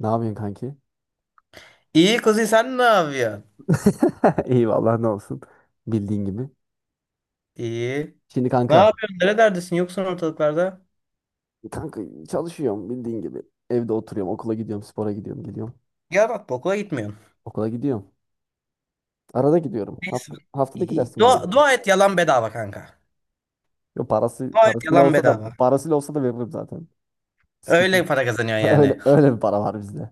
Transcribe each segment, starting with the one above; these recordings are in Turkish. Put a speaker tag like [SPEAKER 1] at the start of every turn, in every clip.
[SPEAKER 1] Ne yapıyorsun kanki?
[SPEAKER 2] İyi kızı, sen ne yapıyorsun?
[SPEAKER 1] İyi vallahi ne olsun. Bildiğin gibi.
[SPEAKER 2] İyi.
[SPEAKER 1] Şimdi
[SPEAKER 2] Ne
[SPEAKER 1] kanka.
[SPEAKER 2] yapıyorsun? Nerelerdesin? Yoksun ortalıklarda.
[SPEAKER 1] Kanka çalışıyorum bildiğin gibi. Evde oturuyorum. Okula gidiyorum. Spora gidiyorum. Geliyorum.
[SPEAKER 2] Ya bak, okula gitmiyorsun.
[SPEAKER 1] Okula gidiyorum. Arada gidiyorum.
[SPEAKER 2] Neyse.
[SPEAKER 1] Haftada iki
[SPEAKER 2] İyi.
[SPEAKER 1] dersim var.
[SPEAKER 2] Dua et, yalan bedava kanka.
[SPEAKER 1] Yo, parası,
[SPEAKER 2] Dua et,
[SPEAKER 1] parasıyla
[SPEAKER 2] yalan
[SPEAKER 1] olsa da
[SPEAKER 2] bedava.
[SPEAKER 1] veririm zaten. Sıkıntı yok.
[SPEAKER 2] Öyle para kazanıyorsun
[SPEAKER 1] Öyle,
[SPEAKER 2] yani.
[SPEAKER 1] öyle bir para var bizde.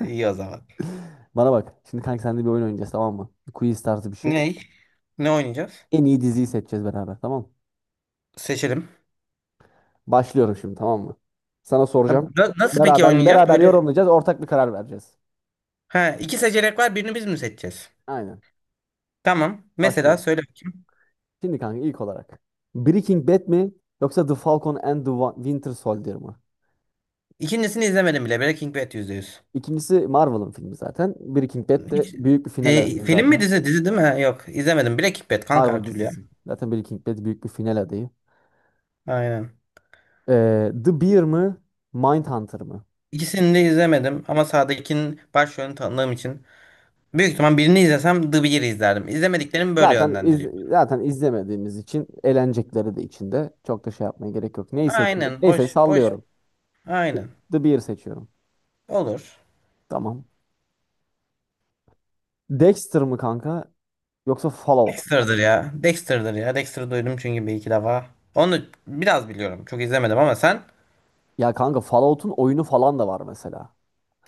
[SPEAKER 2] İyi o zaman.
[SPEAKER 1] Bana bak. Şimdi kanka seninle bir oyun oynayacağız, tamam mı? Bir quiz tarzı bir şey.
[SPEAKER 2] Ney? Ne oynayacağız?
[SPEAKER 1] En iyi diziyi seçeceğiz beraber, tamam mı?
[SPEAKER 2] Seçelim.
[SPEAKER 1] Başlıyorum şimdi, tamam mı? Sana
[SPEAKER 2] Ha,
[SPEAKER 1] soracağım.
[SPEAKER 2] nasıl peki
[SPEAKER 1] Beraber
[SPEAKER 2] oynayacağız?
[SPEAKER 1] beraber
[SPEAKER 2] Böyle
[SPEAKER 1] yorumlayacağız. Ortak bir karar vereceğiz.
[SPEAKER 2] ha, iki seçenek var. Birini biz mi seçeceğiz?
[SPEAKER 1] Aynen.
[SPEAKER 2] Tamam. Mesela
[SPEAKER 1] Başlıyorum.
[SPEAKER 2] söyle bakayım.
[SPEAKER 1] Şimdi kanka ilk olarak. Breaking Bad mi yoksa The Falcon and the Winter Soldier mı?
[SPEAKER 2] İkincisini izlemedim bile. Breaking Bad yüzde yüz.
[SPEAKER 1] İkincisi Marvel'ın filmi zaten. Breaking Bad de
[SPEAKER 2] Hiç,
[SPEAKER 1] büyük bir final adayı
[SPEAKER 2] film mi,
[SPEAKER 1] zaten.
[SPEAKER 2] dizi? Dizi değil mi? Ha, yok, izlemedim. Breaking Bad kanka,
[SPEAKER 1] Marvel
[SPEAKER 2] her türlü ya.
[SPEAKER 1] dizisi. Zaten Breaking Bad büyük bir final adayı.
[SPEAKER 2] Aynen.
[SPEAKER 1] The Bear mı? Mindhunter mı?
[SPEAKER 2] İkisini de izlemedim ama sağdakinin başrolünü tanıdığım için büyük ihtimal birini izlesem The Bear'ı izlerdim. İzlemediklerim böyle
[SPEAKER 1] Zaten iz,
[SPEAKER 2] yönlendiriyor.
[SPEAKER 1] zaten izlemediğimiz için eğlenecekleri de içinde. Çok da şey yapmaya gerek yok. Neyi seçiyorum?
[SPEAKER 2] Aynen,
[SPEAKER 1] Neyse
[SPEAKER 2] hoş hoş,
[SPEAKER 1] sallıyorum. The
[SPEAKER 2] aynen,
[SPEAKER 1] The Bear seçiyorum.
[SPEAKER 2] olur.
[SPEAKER 1] Tamam. Dexter mı kanka yoksa Fallout mu?
[SPEAKER 2] Dexter'dır ya, Dexter'ı duydum çünkü bir iki defa. Onu biraz biliyorum, çok izlemedim ama sen,
[SPEAKER 1] Ya kanka Fallout'un oyunu falan da var mesela.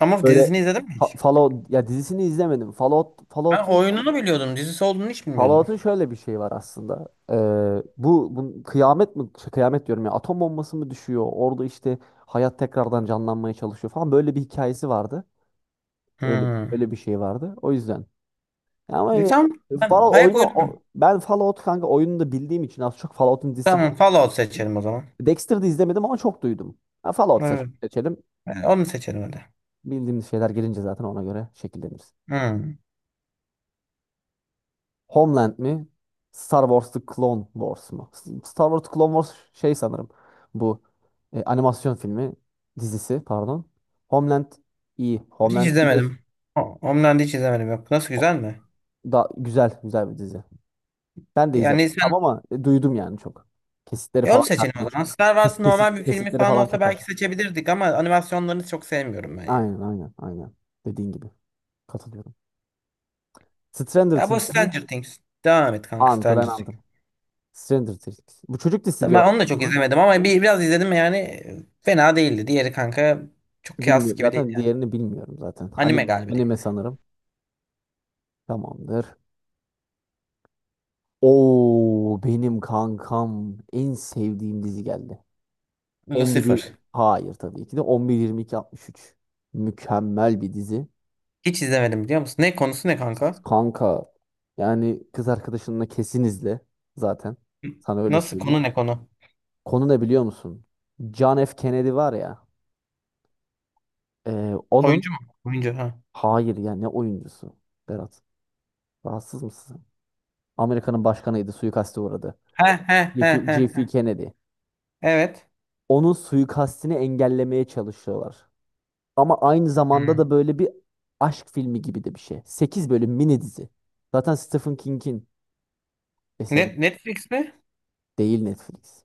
[SPEAKER 2] ama
[SPEAKER 1] Böyle
[SPEAKER 2] dizisini izledin mi?
[SPEAKER 1] Fallout, ya dizisini izlemedim.
[SPEAKER 2] Ben oyununu biliyordum, dizisi olduğunu hiç bilmiyordum.
[SPEAKER 1] Fallout'un şöyle bir şey var aslında. Bu kıyamet mi şey, kıyamet diyorum ya atom bombası mı düşüyor? Orada işte hayat tekrardan canlanmaya çalışıyor falan böyle bir hikayesi vardı. Öyle
[SPEAKER 2] Hmm.
[SPEAKER 1] öyle bir şey vardı. O yüzden. Ya ama
[SPEAKER 2] E tamam, ben
[SPEAKER 1] Fallout
[SPEAKER 2] ayak
[SPEAKER 1] oyunu
[SPEAKER 2] uydurdum.
[SPEAKER 1] ben Fallout kanka oyununu da bildiğim için az çok Fallout'un dizisi,
[SPEAKER 2] Tamam, Fallout seçelim o zaman.
[SPEAKER 1] Dexter'da izlemedim ama çok duydum. Ha, Fallout
[SPEAKER 2] Evet.
[SPEAKER 1] seçelim.
[SPEAKER 2] Onu seçelim hadi.
[SPEAKER 1] Bildiğimiz şeyler gelince zaten ona göre şekilleniriz.
[SPEAKER 2] Hmm.
[SPEAKER 1] Homeland mi? Star Wars The Clone Wars mu? Star Wars The Clone Wars şey sanırım. Bu animasyon dizisi, pardon. Homeland iyi.
[SPEAKER 2] Hiç
[SPEAKER 1] Homeland biliyorsun.
[SPEAKER 2] izlemedim. Homeland'i hiç izlemedim, yok. Nasıl, güzel
[SPEAKER 1] O-
[SPEAKER 2] mi?
[SPEAKER 1] Da güzel güzel bir dizi. Ben de izledim
[SPEAKER 2] Yani sen,
[SPEAKER 1] ama duydum yani çok. Kesitleri falan
[SPEAKER 2] onu seçelim
[SPEAKER 1] karşıma
[SPEAKER 2] o zaman. Star Wars normal bir filmi
[SPEAKER 1] kesitleri
[SPEAKER 2] falan
[SPEAKER 1] falan
[SPEAKER 2] olsa
[SPEAKER 1] çok
[SPEAKER 2] belki
[SPEAKER 1] karşıma.
[SPEAKER 2] seçebilirdik ama animasyonlarını çok sevmiyorum ben ya.
[SPEAKER 1] Aynen aynen aynen. Dediğin gibi. Katılıyorum. Stranger
[SPEAKER 2] Ya bu
[SPEAKER 1] Things mi?
[SPEAKER 2] Stranger Things. Devam et kanka,
[SPEAKER 1] Hunter and
[SPEAKER 2] Stranger
[SPEAKER 1] Hunter.
[SPEAKER 2] Things.
[SPEAKER 1] Stranger Things. Bu çocuk dizisi
[SPEAKER 2] Tabii. Ben
[SPEAKER 1] diyorlar.
[SPEAKER 2] onu da çok izlemedim ama biraz izledim yani, fena değildi. Diğeri kanka çok kıyas
[SPEAKER 1] Bilmiyorum.
[SPEAKER 2] gibi değil.
[SPEAKER 1] Zaten diğerini bilmiyorum zaten.
[SPEAKER 2] Anime
[SPEAKER 1] Anime,
[SPEAKER 2] galiba değil.
[SPEAKER 1] anime sanırım. Tamamdır. Oo, benim kankam en sevdiğim dizi geldi. 11
[SPEAKER 2] Lucifer.
[SPEAKER 1] Hayır, tabii ki de 11-22-63. Mükemmel bir dizi.
[SPEAKER 2] Hiç izlemedim, biliyor musun? Ne konusu, ne kanka?
[SPEAKER 1] Kanka yani kız arkadaşınla kesin izle zaten. Sana öyle
[SPEAKER 2] Nasıl,
[SPEAKER 1] söyleyeyim.
[SPEAKER 2] konu ne, konu?
[SPEAKER 1] Konu ne biliyor musun? John F. Kennedy var ya. Onun
[SPEAKER 2] Oyuncu mu? Oyuncu ha.
[SPEAKER 1] hayır yani ne oyuncusu Berat. Rahatsız mısın? Amerika'nın başkanıydı. Suikaste uğradı.
[SPEAKER 2] He he he
[SPEAKER 1] JF
[SPEAKER 2] he.
[SPEAKER 1] JF
[SPEAKER 2] He.
[SPEAKER 1] Kennedy.
[SPEAKER 2] Evet.
[SPEAKER 1] Onun suikastini engellemeye çalışıyorlar. Ama aynı zamanda
[SPEAKER 2] Hmm.
[SPEAKER 1] da böyle bir aşk filmi gibi de bir şey. 8 bölüm mini dizi. Zaten Stephen King'in eseri,
[SPEAKER 2] Net Netflix mi?
[SPEAKER 1] değil Netflix.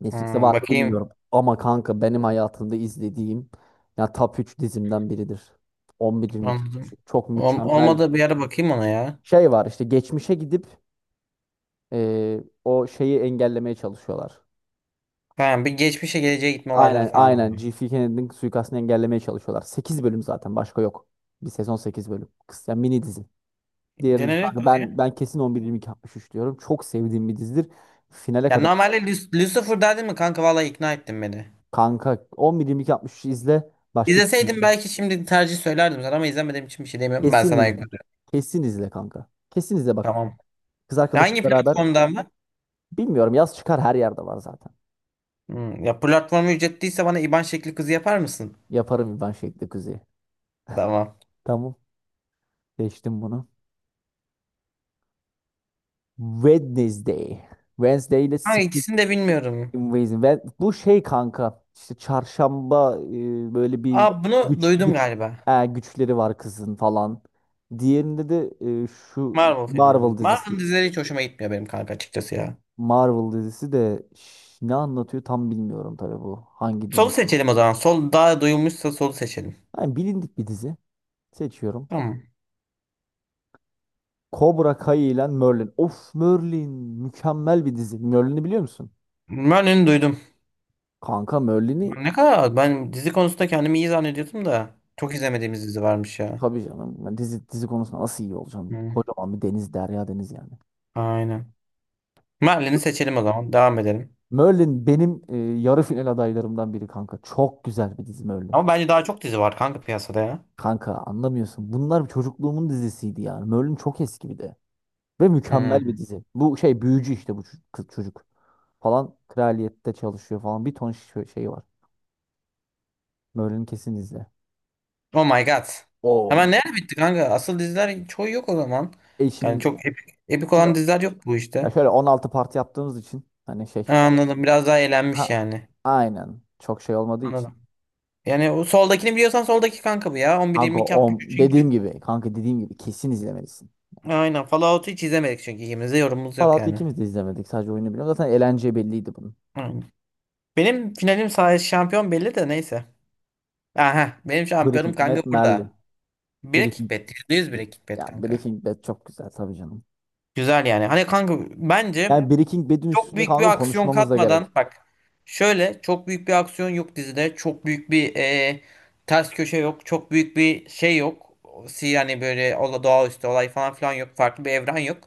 [SPEAKER 1] Netflix'te var
[SPEAKER 2] Hmm,
[SPEAKER 1] mı
[SPEAKER 2] bakayım.
[SPEAKER 1] bilmiyorum. Ama kanka benim hayatımda izlediğim ya top 3 dizimden biridir. 11 iki.
[SPEAKER 2] Anladım.
[SPEAKER 1] Çok mükemmel.
[SPEAKER 2] Olmadı, bir ara bakayım ona ya.
[SPEAKER 1] Şey var işte geçmişe gidip o şeyi engellemeye çalışıyorlar.
[SPEAKER 2] Tamam, bir geçmişe geleceğe gitme olayları
[SPEAKER 1] Aynen
[SPEAKER 2] falan.
[SPEAKER 1] aynen. G.F. Kennedy'nin suikastını engellemeye çalışıyorlar. 8 bölüm zaten başka yok. Bir sezon 8 bölüm. Kısa mini dizi. Diğerini
[SPEAKER 2] Denenir
[SPEAKER 1] kanka
[SPEAKER 2] Kuzi.
[SPEAKER 1] ben kesin 11-22-63 diyorum. Çok sevdiğim bir dizidir. Finale
[SPEAKER 2] Ya
[SPEAKER 1] kadar
[SPEAKER 2] normalde Lucifer derdin mi kanka, vallahi ikna ettin beni.
[SPEAKER 1] kanka 11 altmış üç izle. Başka hiçbir şey
[SPEAKER 2] İzleseydim
[SPEAKER 1] izle.
[SPEAKER 2] belki şimdi tercih söylerdim sana ama izlemediğim için bir şey demiyorum. Ben
[SPEAKER 1] Kesin
[SPEAKER 2] sana ayıp
[SPEAKER 1] izle.
[SPEAKER 2] ediyorum.
[SPEAKER 1] Kesin izle kanka. Kesin izle bak.
[SPEAKER 2] Tamam.
[SPEAKER 1] Kız
[SPEAKER 2] Ya,
[SPEAKER 1] arkadaşımla
[SPEAKER 2] hangi
[SPEAKER 1] beraber
[SPEAKER 2] platformda ama?
[SPEAKER 1] bilmiyorum, yaz çıkar her yerde var zaten.
[SPEAKER 2] Hmm, ya platformu ücretliyse bana IBAN şekli kızı yapar mısın?
[SPEAKER 1] Yaparım ben şekli kuzeyi.
[SPEAKER 2] Tamam.
[SPEAKER 1] Tamam. Geçtim bunu. Wednesday. Wednesday ile
[SPEAKER 2] Kanka
[SPEAKER 1] Secret
[SPEAKER 2] ikisini de bilmiyorum.
[SPEAKER 1] Invasion. Ve bu şey kanka işte çarşamba, böyle bir
[SPEAKER 2] Aa bunu
[SPEAKER 1] güç
[SPEAKER 2] duydum
[SPEAKER 1] güç
[SPEAKER 2] galiba.
[SPEAKER 1] güçleri var kızın falan. Diğerinde de şu
[SPEAKER 2] Marvel
[SPEAKER 1] Marvel
[SPEAKER 2] filmimiz.
[SPEAKER 1] dizisi.
[SPEAKER 2] Marvel dizileri hiç hoşuma gitmiyor benim kanka, açıkçası ya.
[SPEAKER 1] Marvel dizisi de ne anlatıyor tam bilmiyorum tabii bu. Hangi
[SPEAKER 2] Solu
[SPEAKER 1] dizi?
[SPEAKER 2] seçelim o zaman. Sol daha duyulmuşsa solu seçelim.
[SPEAKER 1] Yani bilindik bir dizi. Seçiyorum.
[SPEAKER 2] Tamam.
[SPEAKER 1] Cobra Kai ile Merlin. Of, Merlin mükemmel bir dizi. Merlin'i biliyor musun?
[SPEAKER 2] Ben onu duydum.
[SPEAKER 1] Kanka Merlin'i
[SPEAKER 2] Ne kadar ben dizi konusunda kendimi iyi zannediyordum da çok izlemediğimiz dizi varmış ya.
[SPEAKER 1] tabii canım. Yani dizi konusunda nasıl iyi olacağım?
[SPEAKER 2] Hı,
[SPEAKER 1] Kocaman bir deniz, derya deniz yani.
[SPEAKER 2] aynen. Merlin'i seçelim o zaman. Devam edelim.
[SPEAKER 1] Merlin benim yarı final adaylarımdan biri kanka. Çok güzel bir dizi Merlin.
[SPEAKER 2] Ama bence daha çok dizi var kanka piyasada ya.
[SPEAKER 1] Kanka anlamıyorsun. Bunlar çocukluğumun dizisiydi yani. Merlin çok eski bir de. Ve
[SPEAKER 2] Hı.
[SPEAKER 1] mükemmel bir dizi. Bu şey büyücü, işte bu kız çocuk. Falan kraliyette çalışıyor falan. Bir ton şey var. Merlin kesin izle.
[SPEAKER 2] Oh my god.
[SPEAKER 1] Oo.
[SPEAKER 2] Hemen
[SPEAKER 1] Man.
[SPEAKER 2] nerede bitti kanka? Asıl diziler çoğu yok o zaman.
[SPEAKER 1] E
[SPEAKER 2] Yani
[SPEAKER 1] işin,
[SPEAKER 2] çok epik, epik
[SPEAKER 1] için
[SPEAKER 2] olan diziler yok bu
[SPEAKER 1] ya
[SPEAKER 2] işte.
[SPEAKER 1] şöyle 16 parti yaptığımız için hani şey.
[SPEAKER 2] Ha, anladım. Biraz daha eğlenmiş
[SPEAKER 1] Ha,
[SPEAKER 2] yani.
[SPEAKER 1] aynen. Çok şey olmadığı için.
[SPEAKER 2] Anladım. Yani o soldakini biliyorsan, soldaki kanka bu ya.
[SPEAKER 1] Kanka
[SPEAKER 2] 11-22
[SPEAKER 1] o dediğim
[SPEAKER 2] çünkü.
[SPEAKER 1] gibi, kanka dediğim gibi kesin izlemelisin.
[SPEAKER 2] Aynen. Fallout'u hiç izlemedik çünkü ikimiz de yorumumuz yok
[SPEAKER 1] Fallout'u
[SPEAKER 2] yani.
[SPEAKER 1] ikimiz de izlemedik. Sadece oyunu biliyorum. Zaten eğlence belliydi bunun.
[SPEAKER 2] Aynen. Benim finalim sayesinde şampiyon belli de neyse. Aha, benim şampiyonum
[SPEAKER 1] Breaking
[SPEAKER 2] kanka
[SPEAKER 1] Bad, Merlin.
[SPEAKER 2] burada. Bire
[SPEAKER 1] Breaking,
[SPEAKER 2] kickbet. %100 bire kickbet
[SPEAKER 1] ya
[SPEAKER 2] kanka.
[SPEAKER 1] Breaking Bad çok güzel tabii canım.
[SPEAKER 2] Güzel yani. Hani kanka bence
[SPEAKER 1] Yani Breaking Bad'in
[SPEAKER 2] çok
[SPEAKER 1] üstünde
[SPEAKER 2] büyük bir
[SPEAKER 1] kanka
[SPEAKER 2] aksiyon
[SPEAKER 1] konuşmamız da
[SPEAKER 2] katmadan,
[SPEAKER 1] gerek.
[SPEAKER 2] bak, şöyle çok büyük bir aksiyon yok dizide. Çok büyük bir ters köşe yok. Çok büyük bir şey yok. Yani böyle doğaüstü olay falan filan yok. Farklı bir evren yok.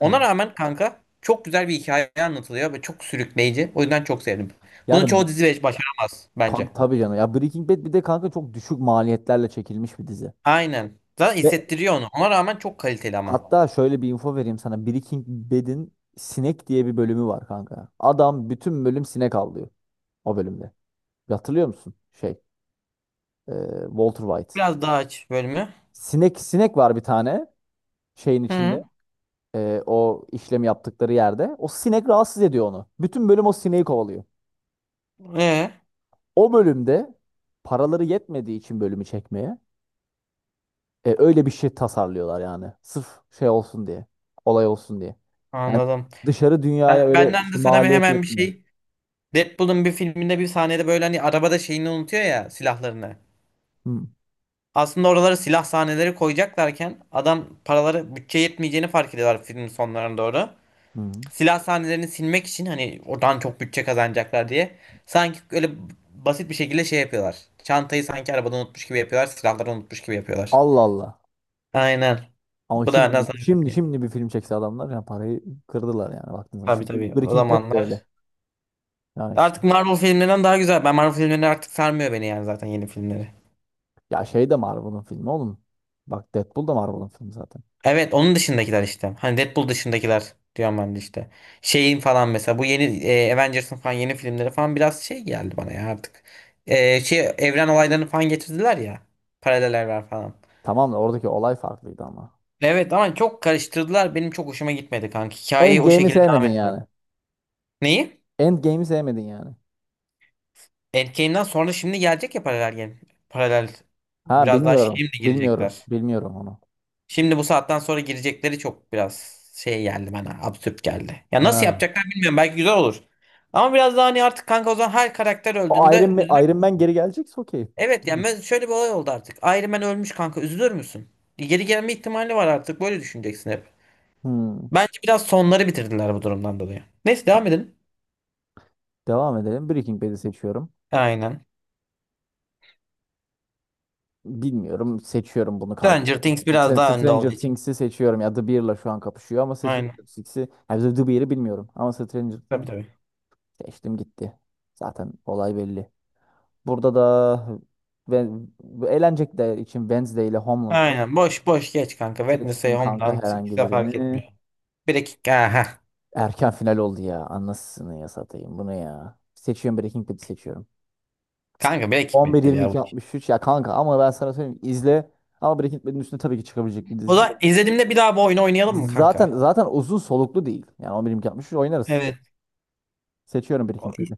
[SPEAKER 2] Ona
[SPEAKER 1] Evet.
[SPEAKER 2] rağmen kanka çok güzel bir hikaye anlatılıyor ve çok sürükleyici. O yüzden çok sevdim. Bunu
[SPEAKER 1] Yani
[SPEAKER 2] çoğu dizi başaramaz bence.
[SPEAKER 1] kanka, tabii canım. Ya Breaking Bad bir de kanka çok düşük maliyetlerle çekilmiş bir dizi.
[SPEAKER 2] Aynen. Zaten
[SPEAKER 1] Ve
[SPEAKER 2] hissettiriyor onu. Ona rağmen çok kaliteli ama.
[SPEAKER 1] hatta şöyle bir info vereyim sana. Breaking Bad'in sinek diye bir bölümü var kanka. Adam bütün bölüm sinek avlıyor o bölümde. Bir hatırlıyor musun? E, Walter White.
[SPEAKER 2] Biraz daha aç bölümü.
[SPEAKER 1] Sinek var bir tane şeyin içinde.
[SPEAKER 2] Hı.
[SPEAKER 1] O işlemi yaptıkları yerde. O sinek rahatsız ediyor onu. Bütün bölüm o sineği kovalıyor.
[SPEAKER 2] Ee,
[SPEAKER 1] O bölümde paraları yetmediği için bölümü çekmeye öyle bir şey tasarlıyorlar yani. Sırf şey olsun diye. Olay olsun diye. Yani
[SPEAKER 2] anladım.
[SPEAKER 1] dışarı dünyaya öyle
[SPEAKER 2] Benden de
[SPEAKER 1] şey,
[SPEAKER 2] sana
[SPEAKER 1] maliyet
[SPEAKER 2] hemen bir
[SPEAKER 1] yetmiyor.
[SPEAKER 2] şey. Deadpool'un bir filminde bir sahnede böyle hani arabada şeyini unutuyor ya, silahlarını.
[SPEAKER 1] Hı,
[SPEAKER 2] Aslında oralara silah sahneleri koyacaklarken adam paraları, bütçe yetmeyeceğini fark ediyorlar filmin sonlarına doğru.
[SPEAKER 1] hı.
[SPEAKER 2] Silah sahnelerini silmek için, hani oradan çok bütçe kazanacaklar diye. Sanki öyle basit bir şekilde şey yapıyorlar. Çantayı sanki arabada unutmuş gibi yapıyorlar. Silahları unutmuş gibi yapıyorlar.
[SPEAKER 1] Allah Allah.
[SPEAKER 2] Aynen.
[SPEAKER 1] Ama
[SPEAKER 2] Bu
[SPEAKER 1] şimdi
[SPEAKER 2] da nasıl
[SPEAKER 1] şimdi
[SPEAKER 2] ki?
[SPEAKER 1] şimdi bir film çekse adamlar yani parayı kırdılar yani baktığınız
[SPEAKER 2] Tabii
[SPEAKER 1] zaman. Şimdi
[SPEAKER 2] tabii, o
[SPEAKER 1] Breaking Bad de öyle.
[SPEAKER 2] zamanlar.
[SPEAKER 1] Yani işte.
[SPEAKER 2] Artık Marvel filmlerinden daha güzel. Ben Marvel filmleri artık sarmıyor beni yani, zaten yeni filmleri.
[SPEAKER 1] Ya şey de Marvel'ın filmi oğlum. Bak Deadpool da Marvel'ın filmi zaten.
[SPEAKER 2] Evet, onun dışındakiler işte. Hani Deadpool dışındakiler diyorum ben de işte. Şeyin falan mesela bu yeni Avengers'ın falan yeni filmleri falan biraz şey geldi bana ya artık. Şey, evren olaylarını falan getirdiler ya. Paralel evren falan.
[SPEAKER 1] Tamam da oradaki olay farklıydı ama.
[SPEAKER 2] Evet ama çok karıştırdılar. Benim çok hoşuma gitmedi kanka. Hikayeyi o
[SPEAKER 1] Endgame'i
[SPEAKER 2] şekilde devam
[SPEAKER 1] sevmedin
[SPEAKER 2] etmedi.
[SPEAKER 1] yani.
[SPEAKER 2] Neyi?
[SPEAKER 1] Endgame'i sevmedin yani.
[SPEAKER 2] Endgame'den sonra şimdi gelecek ya paralel game. Paralel,
[SPEAKER 1] Ha,
[SPEAKER 2] biraz daha
[SPEAKER 1] bilmiyorum.
[SPEAKER 2] şimdi
[SPEAKER 1] Bilmiyorum.
[SPEAKER 2] girecekler.
[SPEAKER 1] Bilmiyorum onu.
[SPEAKER 2] Şimdi bu saatten sonra girecekleri çok biraz şey geldi bana. Absürt geldi. Ya nasıl
[SPEAKER 1] Ha.
[SPEAKER 2] yapacaklar bilmiyorum. Belki güzel olur. Ama biraz daha hani artık kanka, o zaman her karakter
[SPEAKER 1] O
[SPEAKER 2] öldüğünde
[SPEAKER 1] Iron Man,
[SPEAKER 2] üzülür.
[SPEAKER 1] Iron Man geri gelecekse okey.
[SPEAKER 2] Evet
[SPEAKER 1] Hmm.
[SPEAKER 2] yani şöyle bir olay oldu artık. Iron Man ölmüş kanka, üzülür müsün? Geri gelme ihtimali var artık. Böyle düşüneceksin hep.
[SPEAKER 1] Hmm.
[SPEAKER 2] Bence biraz sonları bitirdiler bu durumdan dolayı. Neyse, devam edelim.
[SPEAKER 1] Devam edelim. Breaking Bad'i seçiyorum.
[SPEAKER 2] Aynen.
[SPEAKER 1] Bilmiyorum. Seçiyorum bunu kanka.
[SPEAKER 2] Stranger Things biraz daha önde olduğu
[SPEAKER 1] Stranger
[SPEAKER 2] için.
[SPEAKER 1] Things'i seçiyorum. Ya The Bear'la şu an kapışıyor ama Stranger
[SPEAKER 2] Aynen.
[SPEAKER 1] Things'i. Ya The Bear'ı bilmiyorum. Ama Stranger
[SPEAKER 2] Tabii
[SPEAKER 1] Things
[SPEAKER 2] tabii.
[SPEAKER 1] seçtim gitti. Zaten olay belli. Burada da ve eğlence de için Wednesday ile Homeland var.
[SPEAKER 2] Aynen. Boş boş geç kanka. Wednesday,
[SPEAKER 1] Seçtim kanka
[SPEAKER 2] Homeland, ikisi
[SPEAKER 1] herhangi
[SPEAKER 2] de fark
[SPEAKER 1] birini.
[SPEAKER 2] etmiyor. Bir dakika. Aha.
[SPEAKER 1] Erken final oldu ya. Anasını ya satayım bunu ya. Seçiyorum, Breaking Bad'i seçiyorum.
[SPEAKER 2] Kanka bir
[SPEAKER 1] 11
[SPEAKER 2] hikmettir ya bu
[SPEAKER 1] 22
[SPEAKER 2] iş.
[SPEAKER 1] 63 ya kanka ama ben sana söyleyeyim izle. Ama Breaking Bad'in üstüne tabii ki çıkabilecek bir
[SPEAKER 2] O
[SPEAKER 1] dizi.
[SPEAKER 2] da izlediğimde bir daha bu oyunu oynayalım mı kanka?
[SPEAKER 1] Zaten uzun soluklu değil. Yani 11 22 63 oynarız.
[SPEAKER 2] Evet.
[SPEAKER 1] Seçiyorum
[SPEAKER 2] O-
[SPEAKER 1] Breaking Bad'i.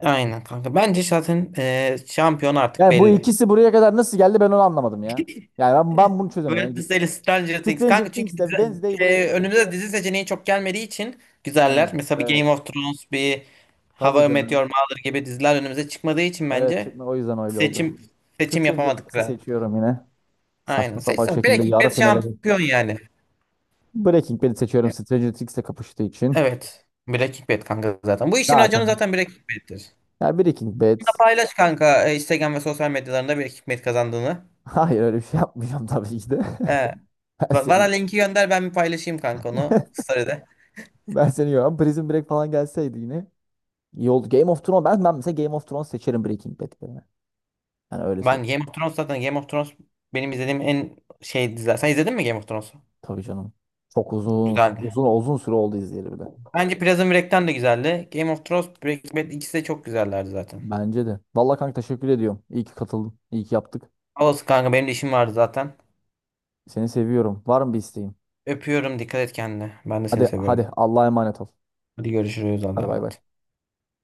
[SPEAKER 2] Aynen kanka. Bence zaten şampiyon artık
[SPEAKER 1] Yani bu
[SPEAKER 2] belli.
[SPEAKER 1] ikisi buraya kadar nasıl geldi ben onu anlamadım ya. Yani ben,
[SPEAKER 2] Evet.
[SPEAKER 1] ben bunu çözemiyorum. Yani
[SPEAKER 2] Wednesday, Stranger Things.
[SPEAKER 1] Stranger
[SPEAKER 2] Kanka çünkü
[SPEAKER 1] Things'le Wednesday buraya kadar.
[SPEAKER 2] önümüze dizi seçeneği çok gelmediği için güzeller.
[SPEAKER 1] Evet,
[SPEAKER 2] Mesela bir
[SPEAKER 1] evet.
[SPEAKER 2] Game of Thrones, bir
[SPEAKER 1] Tabii
[SPEAKER 2] How I Met
[SPEAKER 1] canım.
[SPEAKER 2] Your Mother gibi diziler önümüze çıkmadığı için
[SPEAKER 1] Evet,
[SPEAKER 2] bence
[SPEAKER 1] çıkma o yüzden öyle oldu.
[SPEAKER 2] seçim seçim
[SPEAKER 1] Stranger
[SPEAKER 2] yapamadık
[SPEAKER 1] Things'i
[SPEAKER 2] galiba.
[SPEAKER 1] seçiyorum yine.
[SPEAKER 2] Aynen.
[SPEAKER 1] Saçma sapan
[SPEAKER 2] Seçsen. Bir
[SPEAKER 1] şekilde yarı
[SPEAKER 2] hikmet
[SPEAKER 1] finale
[SPEAKER 2] şampiyon yani.
[SPEAKER 1] Breaking Bad'i seçiyorum Stranger Things'le kapıştığı için.
[SPEAKER 2] Evet. Breaking Bad kanka zaten. Bu işin raconu
[SPEAKER 1] Zaten
[SPEAKER 2] zaten Breaking Bad'tir.
[SPEAKER 1] ya Breaking Bad
[SPEAKER 2] Bunu da paylaş kanka, Instagram ve sosyal medyalarında Breaking Bad kazandığını.
[SPEAKER 1] hayır öyle bir şey yapmayacağım tabii ki de.
[SPEAKER 2] He.
[SPEAKER 1] Ben
[SPEAKER 2] Bana
[SPEAKER 1] seni
[SPEAKER 2] linki gönder, ben bir paylaşayım kanka onu. Story'de.
[SPEAKER 1] ben seni yiyorum. Prison Break falan gelseydi yine iyi oldu. Game of Thrones ben mesela Game of Thrones seçerim Breaking Bad yerine. Yani öyle
[SPEAKER 2] Ben
[SPEAKER 1] söyleyeyim.
[SPEAKER 2] Game of Thrones, zaten Game of Thrones benim izlediğim en şey diziler. Sen izledin mi Game of Thrones'u?
[SPEAKER 1] Tabii canım. Çok uzun
[SPEAKER 2] Güzeldi.
[SPEAKER 1] uzun uzun süre oldu izleyeli bir de.
[SPEAKER 2] Bence Prison Break'ten de güzeldi. Game of Thrones, Breaking Bad, ikisi de çok güzellerdi zaten.
[SPEAKER 1] Bence de. Vallahi kanka teşekkür ediyorum. İyi ki katıldın. İyi ki yaptık.
[SPEAKER 2] Olsun kanka, benim de işim vardı zaten.
[SPEAKER 1] Seni seviyorum. Var mı bir isteğin?
[SPEAKER 2] Öpüyorum, dikkat et kendine. Ben de
[SPEAKER 1] Hadi
[SPEAKER 2] seni seviyorum.
[SPEAKER 1] hadi Allah'a emanet ol.
[SPEAKER 2] Hadi görüşürüz, Allah'a
[SPEAKER 1] Hadi bay bay.
[SPEAKER 2] emanet.